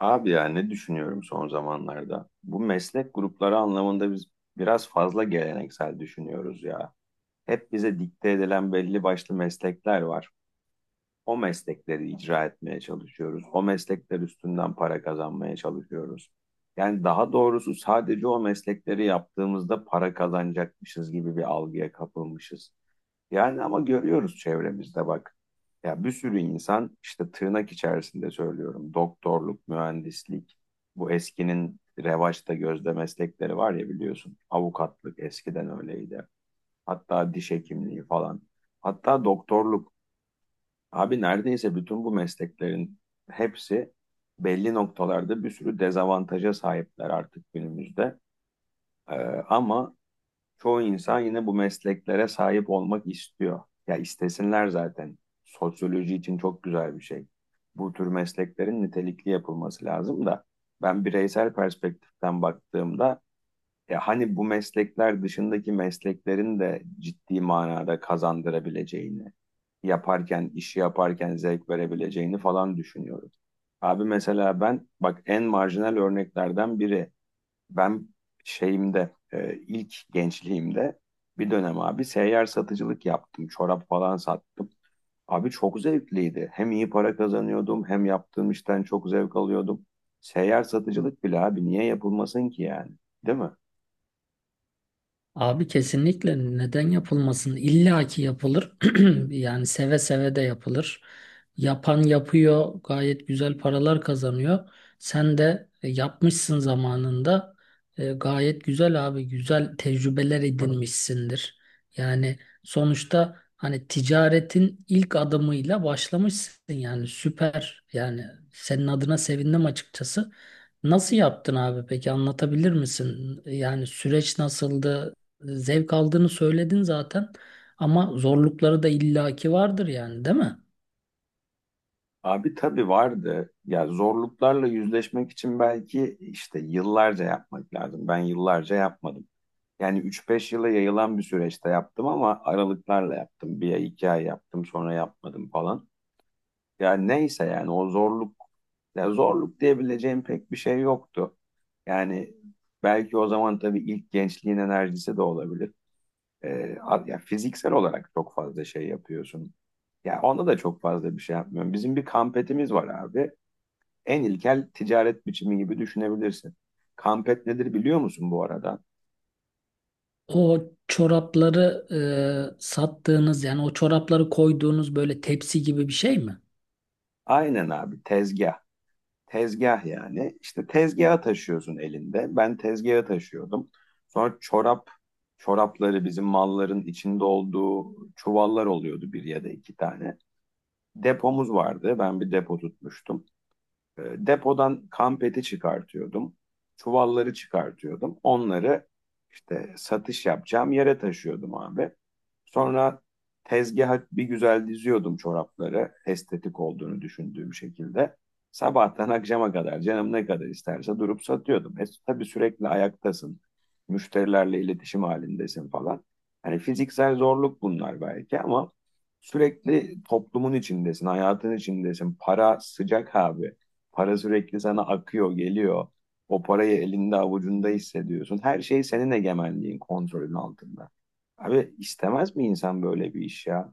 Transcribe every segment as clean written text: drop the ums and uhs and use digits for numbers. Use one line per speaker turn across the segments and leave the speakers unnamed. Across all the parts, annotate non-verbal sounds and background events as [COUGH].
Abi ya ne düşünüyorum son zamanlarda? Bu meslek grupları anlamında biz biraz fazla geleneksel düşünüyoruz ya. Hep bize dikte edilen belli başlı meslekler var. O meslekleri icra etmeye çalışıyoruz. O meslekler üstünden para kazanmaya çalışıyoruz. Yani daha doğrusu sadece o meslekleri yaptığımızda para kazanacakmışız gibi bir algıya kapılmışız. Yani ama görüyoruz çevremizde bak. Ya bir sürü insan işte tırnak içerisinde söylüyorum. Doktorluk, mühendislik, bu eskinin revaçta gözde meslekleri var ya biliyorsun. Avukatlık eskiden öyleydi. Hatta diş hekimliği falan. Hatta doktorluk. Abi neredeyse bütün bu mesleklerin hepsi belli noktalarda bir sürü dezavantaja sahipler artık günümüzde. Ee, ama çoğu insan yine bu mesleklere sahip olmak istiyor. Ya istesinler zaten. Sosyoloji için çok güzel bir şey. Bu tür mesleklerin nitelikli yapılması lazım da ben bireysel perspektiften baktığımda ya hani bu meslekler dışındaki mesleklerin de ciddi manada kazandırabileceğini, yaparken, işi yaparken zevk verebileceğini falan düşünüyorum. Abi mesela ben bak en marjinal örneklerden biri ben şeyimde ilk gençliğimde bir dönem abi seyyar satıcılık yaptım. Çorap falan sattım. Abi çok zevkliydi. Hem iyi para kazanıyordum hem yaptığım işten çok zevk alıyordum. Seyyar satıcılık bile abi niye yapılmasın ki yani? Değil mi?
Abi kesinlikle neden yapılmasın? İlla ki yapılır. [CLEARS THROAT] Yani seve seve de yapılır. Yapan yapıyor, gayet güzel paralar kazanıyor. Sen de yapmışsın zamanında. Gayet güzel abi, güzel tecrübeler edinmişsindir. Yani sonuçta hani ticaretin ilk adımıyla başlamışsın yani süper. Yani senin adına sevindim açıkçası. Nasıl yaptın abi peki anlatabilir misin? Yani süreç nasıldı? Zevk aldığını söyledin zaten, ama zorlukları da illaki vardır yani, değil mi?
Abi tabii vardı. Ya zorluklarla yüzleşmek için belki işte yıllarca yapmak lazım. Ben yıllarca yapmadım. Yani üç beş yıla yayılan bir süreçte yaptım ama aralıklarla yaptım. Bir ay, 2 ay yaptım sonra yapmadım falan. Yani neyse yani o zorluk ya zorluk diyebileceğim pek bir şey yoktu. Yani belki o zaman tabii ilk gençliğin enerjisi de olabilir. Ya fiziksel olarak çok fazla şey yapıyorsun. Ya onda da çok fazla bir şey yapmıyorum. Bizim bir kampetimiz var abi. En ilkel ticaret biçimi gibi düşünebilirsin. Kampet nedir biliyor musun bu arada?
O çorapları sattığınız, yani o çorapları koyduğunuz böyle tepsi gibi bir şey mi?
Aynen abi tezgah. Tezgah yani. İşte tezgaha taşıyorsun elinde. Ben tezgaha taşıyordum. Sonra çorap, çorapları bizim malların içinde olduğu çuvallar oluyordu bir ya da iki tane. Depomuz vardı. Ben bir depo tutmuştum. E, Depodan kampeti çıkartıyordum. Çuvalları çıkartıyordum. Onları işte satış yapacağım yere taşıyordum abi. Sonra tezgaha bir güzel diziyordum çorapları. Estetik olduğunu düşündüğüm şekilde. Sabahtan akşama kadar canım ne kadar isterse durup satıyordum. Tabii sürekli ayaktasın. Müşterilerle iletişim halindesin falan. Hani fiziksel zorluk bunlar belki ama sürekli toplumun içindesin, hayatın içindesin. Para sıcak abi. Para sürekli sana akıyor, geliyor. O parayı elinde avucunda hissediyorsun. Her şey senin egemenliğin, kontrolün altında. Abi istemez mi insan böyle bir iş ya?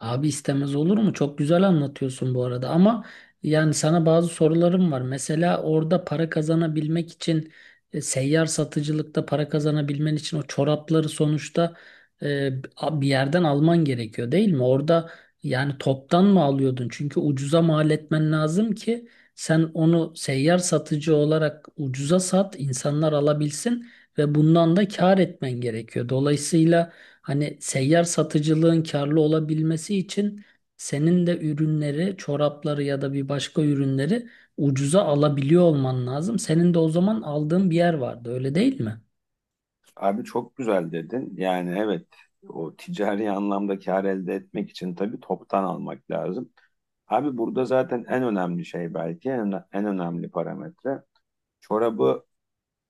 Abi istemez olur mu? Çok güzel anlatıyorsun bu arada, ama yani sana bazı sorularım var. Mesela orada para kazanabilmek için, seyyar satıcılıkta para kazanabilmen için o çorapları sonuçta e, bir yerden alman gerekiyor, değil mi? Orada yani toptan mı alıyordun? Çünkü ucuza mal etmen lazım ki sen onu seyyar satıcı olarak ucuza sat, insanlar alabilsin ve bundan da kâr etmen gerekiyor. Dolayısıyla hani seyyar satıcılığın karlı olabilmesi için senin de ürünleri, çorapları ya da bir başka ürünleri ucuza alabiliyor olman lazım. Senin de o zaman aldığın bir yer vardı, öyle değil mi?
Abi çok güzel dedin. Yani evet o ticari anlamda kar elde etmek için tabii toptan almak lazım. Abi burada zaten en önemli şey belki en önemli parametre çorabı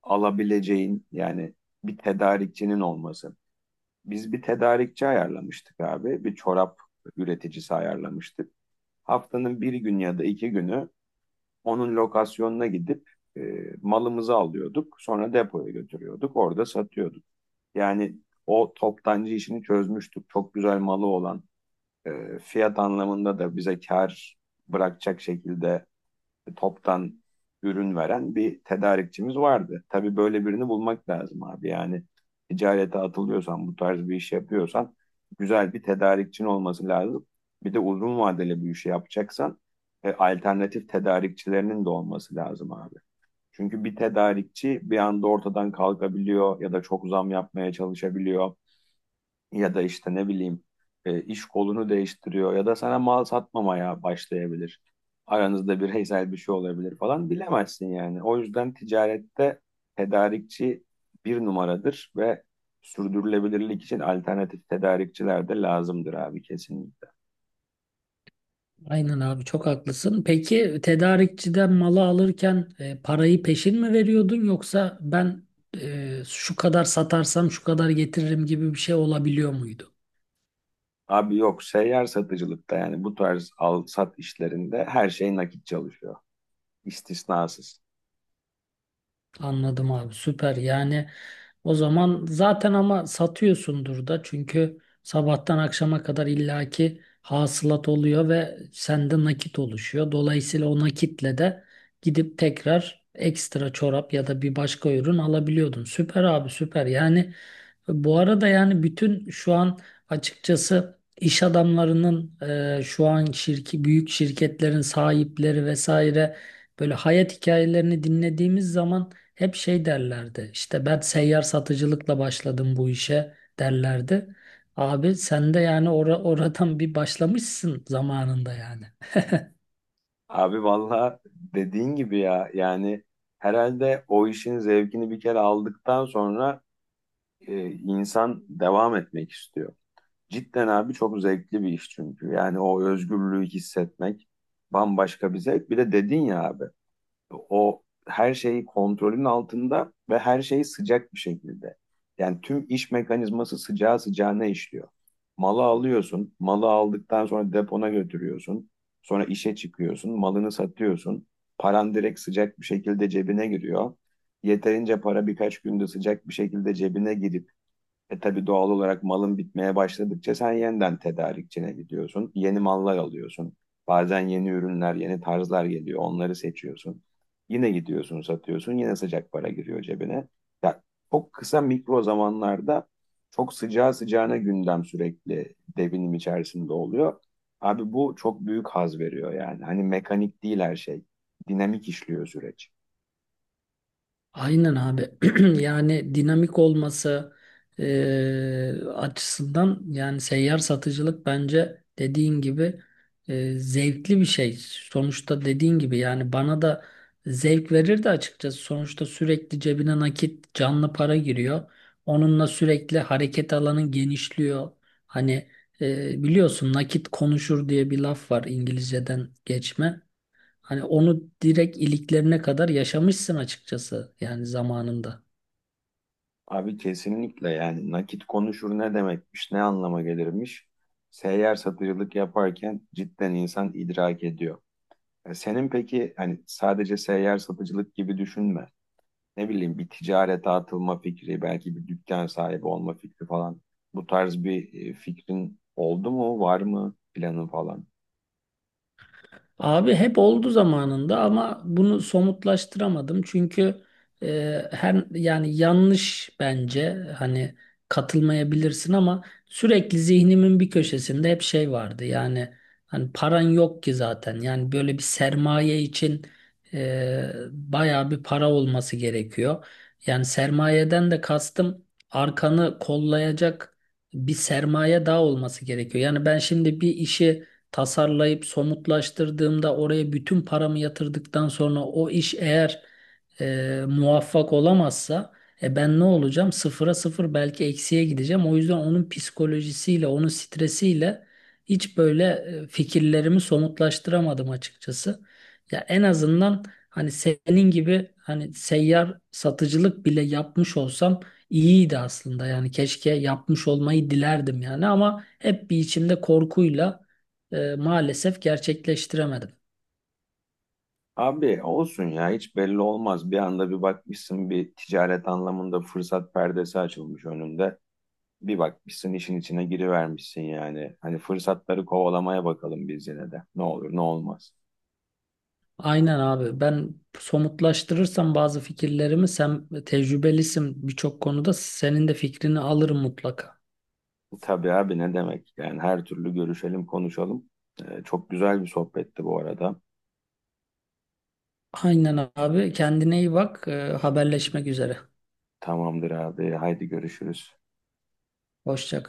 alabileceğin yani bir tedarikçinin olması. Biz bir tedarikçi ayarlamıştık abi. Bir çorap üreticisi ayarlamıştık. Haftanın bir gün ya da iki günü onun lokasyonuna gidip e, malımızı alıyorduk. Sonra depoya götürüyorduk. Orada satıyorduk. Yani o toptancı işini çözmüştük. Çok güzel malı olan fiyat anlamında da bize kar bırakacak şekilde toptan ürün veren bir tedarikçimiz vardı. Tabii böyle birini bulmak lazım abi. Yani ticarete atılıyorsan, bu tarz bir iş yapıyorsan güzel bir tedarikçin olması lazım. Bir de uzun vadeli bir işi yapacaksan alternatif tedarikçilerinin de olması lazım abi. Çünkü bir tedarikçi bir anda ortadan kalkabiliyor ya da çok zam yapmaya çalışabiliyor ya da işte ne bileyim iş kolunu değiştiriyor ya da sana mal satmamaya başlayabilir. Aranızda bir heysel bir şey olabilir falan bilemezsin yani. O yüzden ticarette tedarikçi bir numaradır ve sürdürülebilirlik için alternatif tedarikçiler de lazımdır abi kesinlikle.
Aynen abi, çok haklısın. Peki tedarikçiden malı alırken parayı peşin mi veriyordun, yoksa ben şu kadar satarsam şu kadar getiririm gibi bir şey olabiliyor muydu?
Abi yok seyyar satıcılıkta yani bu tarz al sat işlerinde her şey nakit çalışıyor istisnasız.
Anladım abi, süper. Yani o zaman zaten ama satıyorsundur da, çünkü sabahtan akşama kadar illaki hasılat oluyor ve sende nakit oluşuyor. Dolayısıyla o nakitle de gidip tekrar ekstra çorap ya da bir başka ürün alabiliyordun. Süper abi, süper. Yani bu arada yani bütün şu an açıkçası iş adamlarının, şu an şirki, büyük şirketlerin sahipleri vesaire, böyle hayat hikayelerini dinlediğimiz zaman hep şey derlerdi: İşte ben seyyar satıcılıkla başladım bu işe derlerdi. Abi sen de yani oradan bir başlamışsın zamanında yani.
Abi valla dediğin gibi ya yani herhalde o işin zevkini bir kere aldıktan sonra insan devam etmek istiyor. Cidden abi çok zevkli bir iş çünkü yani o özgürlüğü hissetmek bambaşka bir zevk. Bir de dedin ya abi o her şey kontrolün altında ve her şey sıcak bir şekilde. Yani tüm iş mekanizması sıcağı sıcağına işliyor. Malı alıyorsun, malı aldıktan sonra depona götürüyorsun, sonra işe çıkıyorsun, malını satıyorsun. Paran direkt sıcak bir şekilde cebine giriyor. Yeterince para birkaç günde sıcak bir şekilde cebine girip tabii doğal olarak malın bitmeye başladıkça sen yeniden tedarikçine gidiyorsun. Yeni mallar alıyorsun. Bazen yeni ürünler, yeni tarzlar geliyor. Onları seçiyorsun. Yine gidiyorsun, satıyorsun. Yine sıcak para giriyor cebine. Ya çok kısa mikro zamanlarda çok sıcağı sıcağına gündem sürekli devinim içerisinde oluyor. Abi bu çok büyük haz veriyor yani. Hani mekanik değil her şey. Dinamik işliyor süreç.
Aynen abi. [CLEARS THROAT] Yani dinamik olması açısından yani seyyar satıcılık bence dediğin gibi zevkli bir şey. Sonuçta dediğin gibi yani bana da zevk verirdi açıkçası. Sonuçta sürekli cebine nakit, canlı para giriyor. Onunla sürekli hareket alanın genişliyor. Hani biliyorsun nakit konuşur diye bir laf var, İngilizceden geçme. Hani onu direkt iliklerine kadar yaşamışsın açıkçası yani zamanında.
Abi kesinlikle yani nakit konuşur ne demekmiş, ne anlama gelirmiş. Seyyar satıcılık yaparken cidden insan idrak ediyor. E senin peki hani sadece seyyar satıcılık gibi düşünme. Ne bileyim bir ticarete atılma fikri, belki bir dükkan sahibi olma fikri falan. Bu tarz bir fikrin oldu mu, var mı planın falan?
Abi hep oldu zamanında, ama bunu somutlaştıramadım çünkü her yani yanlış bence, hani katılmayabilirsin, ama sürekli zihnimin bir köşesinde hep şey vardı yani, hani paran yok ki zaten. Yani böyle bir sermaye için bayağı bir para olması gerekiyor. Yani sermayeden de kastım arkanı kollayacak bir sermaye daha olması gerekiyor. Yani ben şimdi bir işi tasarlayıp somutlaştırdığımda oraya bütün paramı yatırdıktan sonra o iş eğer muvaffak olamazsa, e ben ne olacağım? Sıfıra sıfır, belki eksiye gideceğim. O yüzden onun psikolojisiyle, onun stresiyle hiç böyle fikirlerimi somutlaştıramadım açıkçası. Ya en azından hani senin gibi, hani seyyar satıcılık bile yapmış olsam iyiydi aslında. Yani keşke yapmış olmayı dilerdim yani, ama hep bir içimde korkuyla maalesef gerçekleştiremedim.
Abi olsun ya hiç belli olmaz. Bir anda bir bakmışsın bir ticaret anlamında fırsat perdesi açılmış önünde. Bir bakmışsın işin içine girivermişsin yani. Hani fırsatları kovalamaya bakalım biz yine de. Ne olur ne olmaz.
Aynen abi. Ben somutlaştırırsam bazı fikirlerimi, sen tecrübelisin birçok konuda, senin de fikrini alırım mutlaka.
Tabii abi ne demek? Yani her türlü görüşelim konuşalım. Çok güzel bir sohbetti bu arada.
Aynen abi. Kendine iyi bak. E, haberleşmek üzere.
Tamamdır abi. Haydi görüşürüz.
Hoşça kal.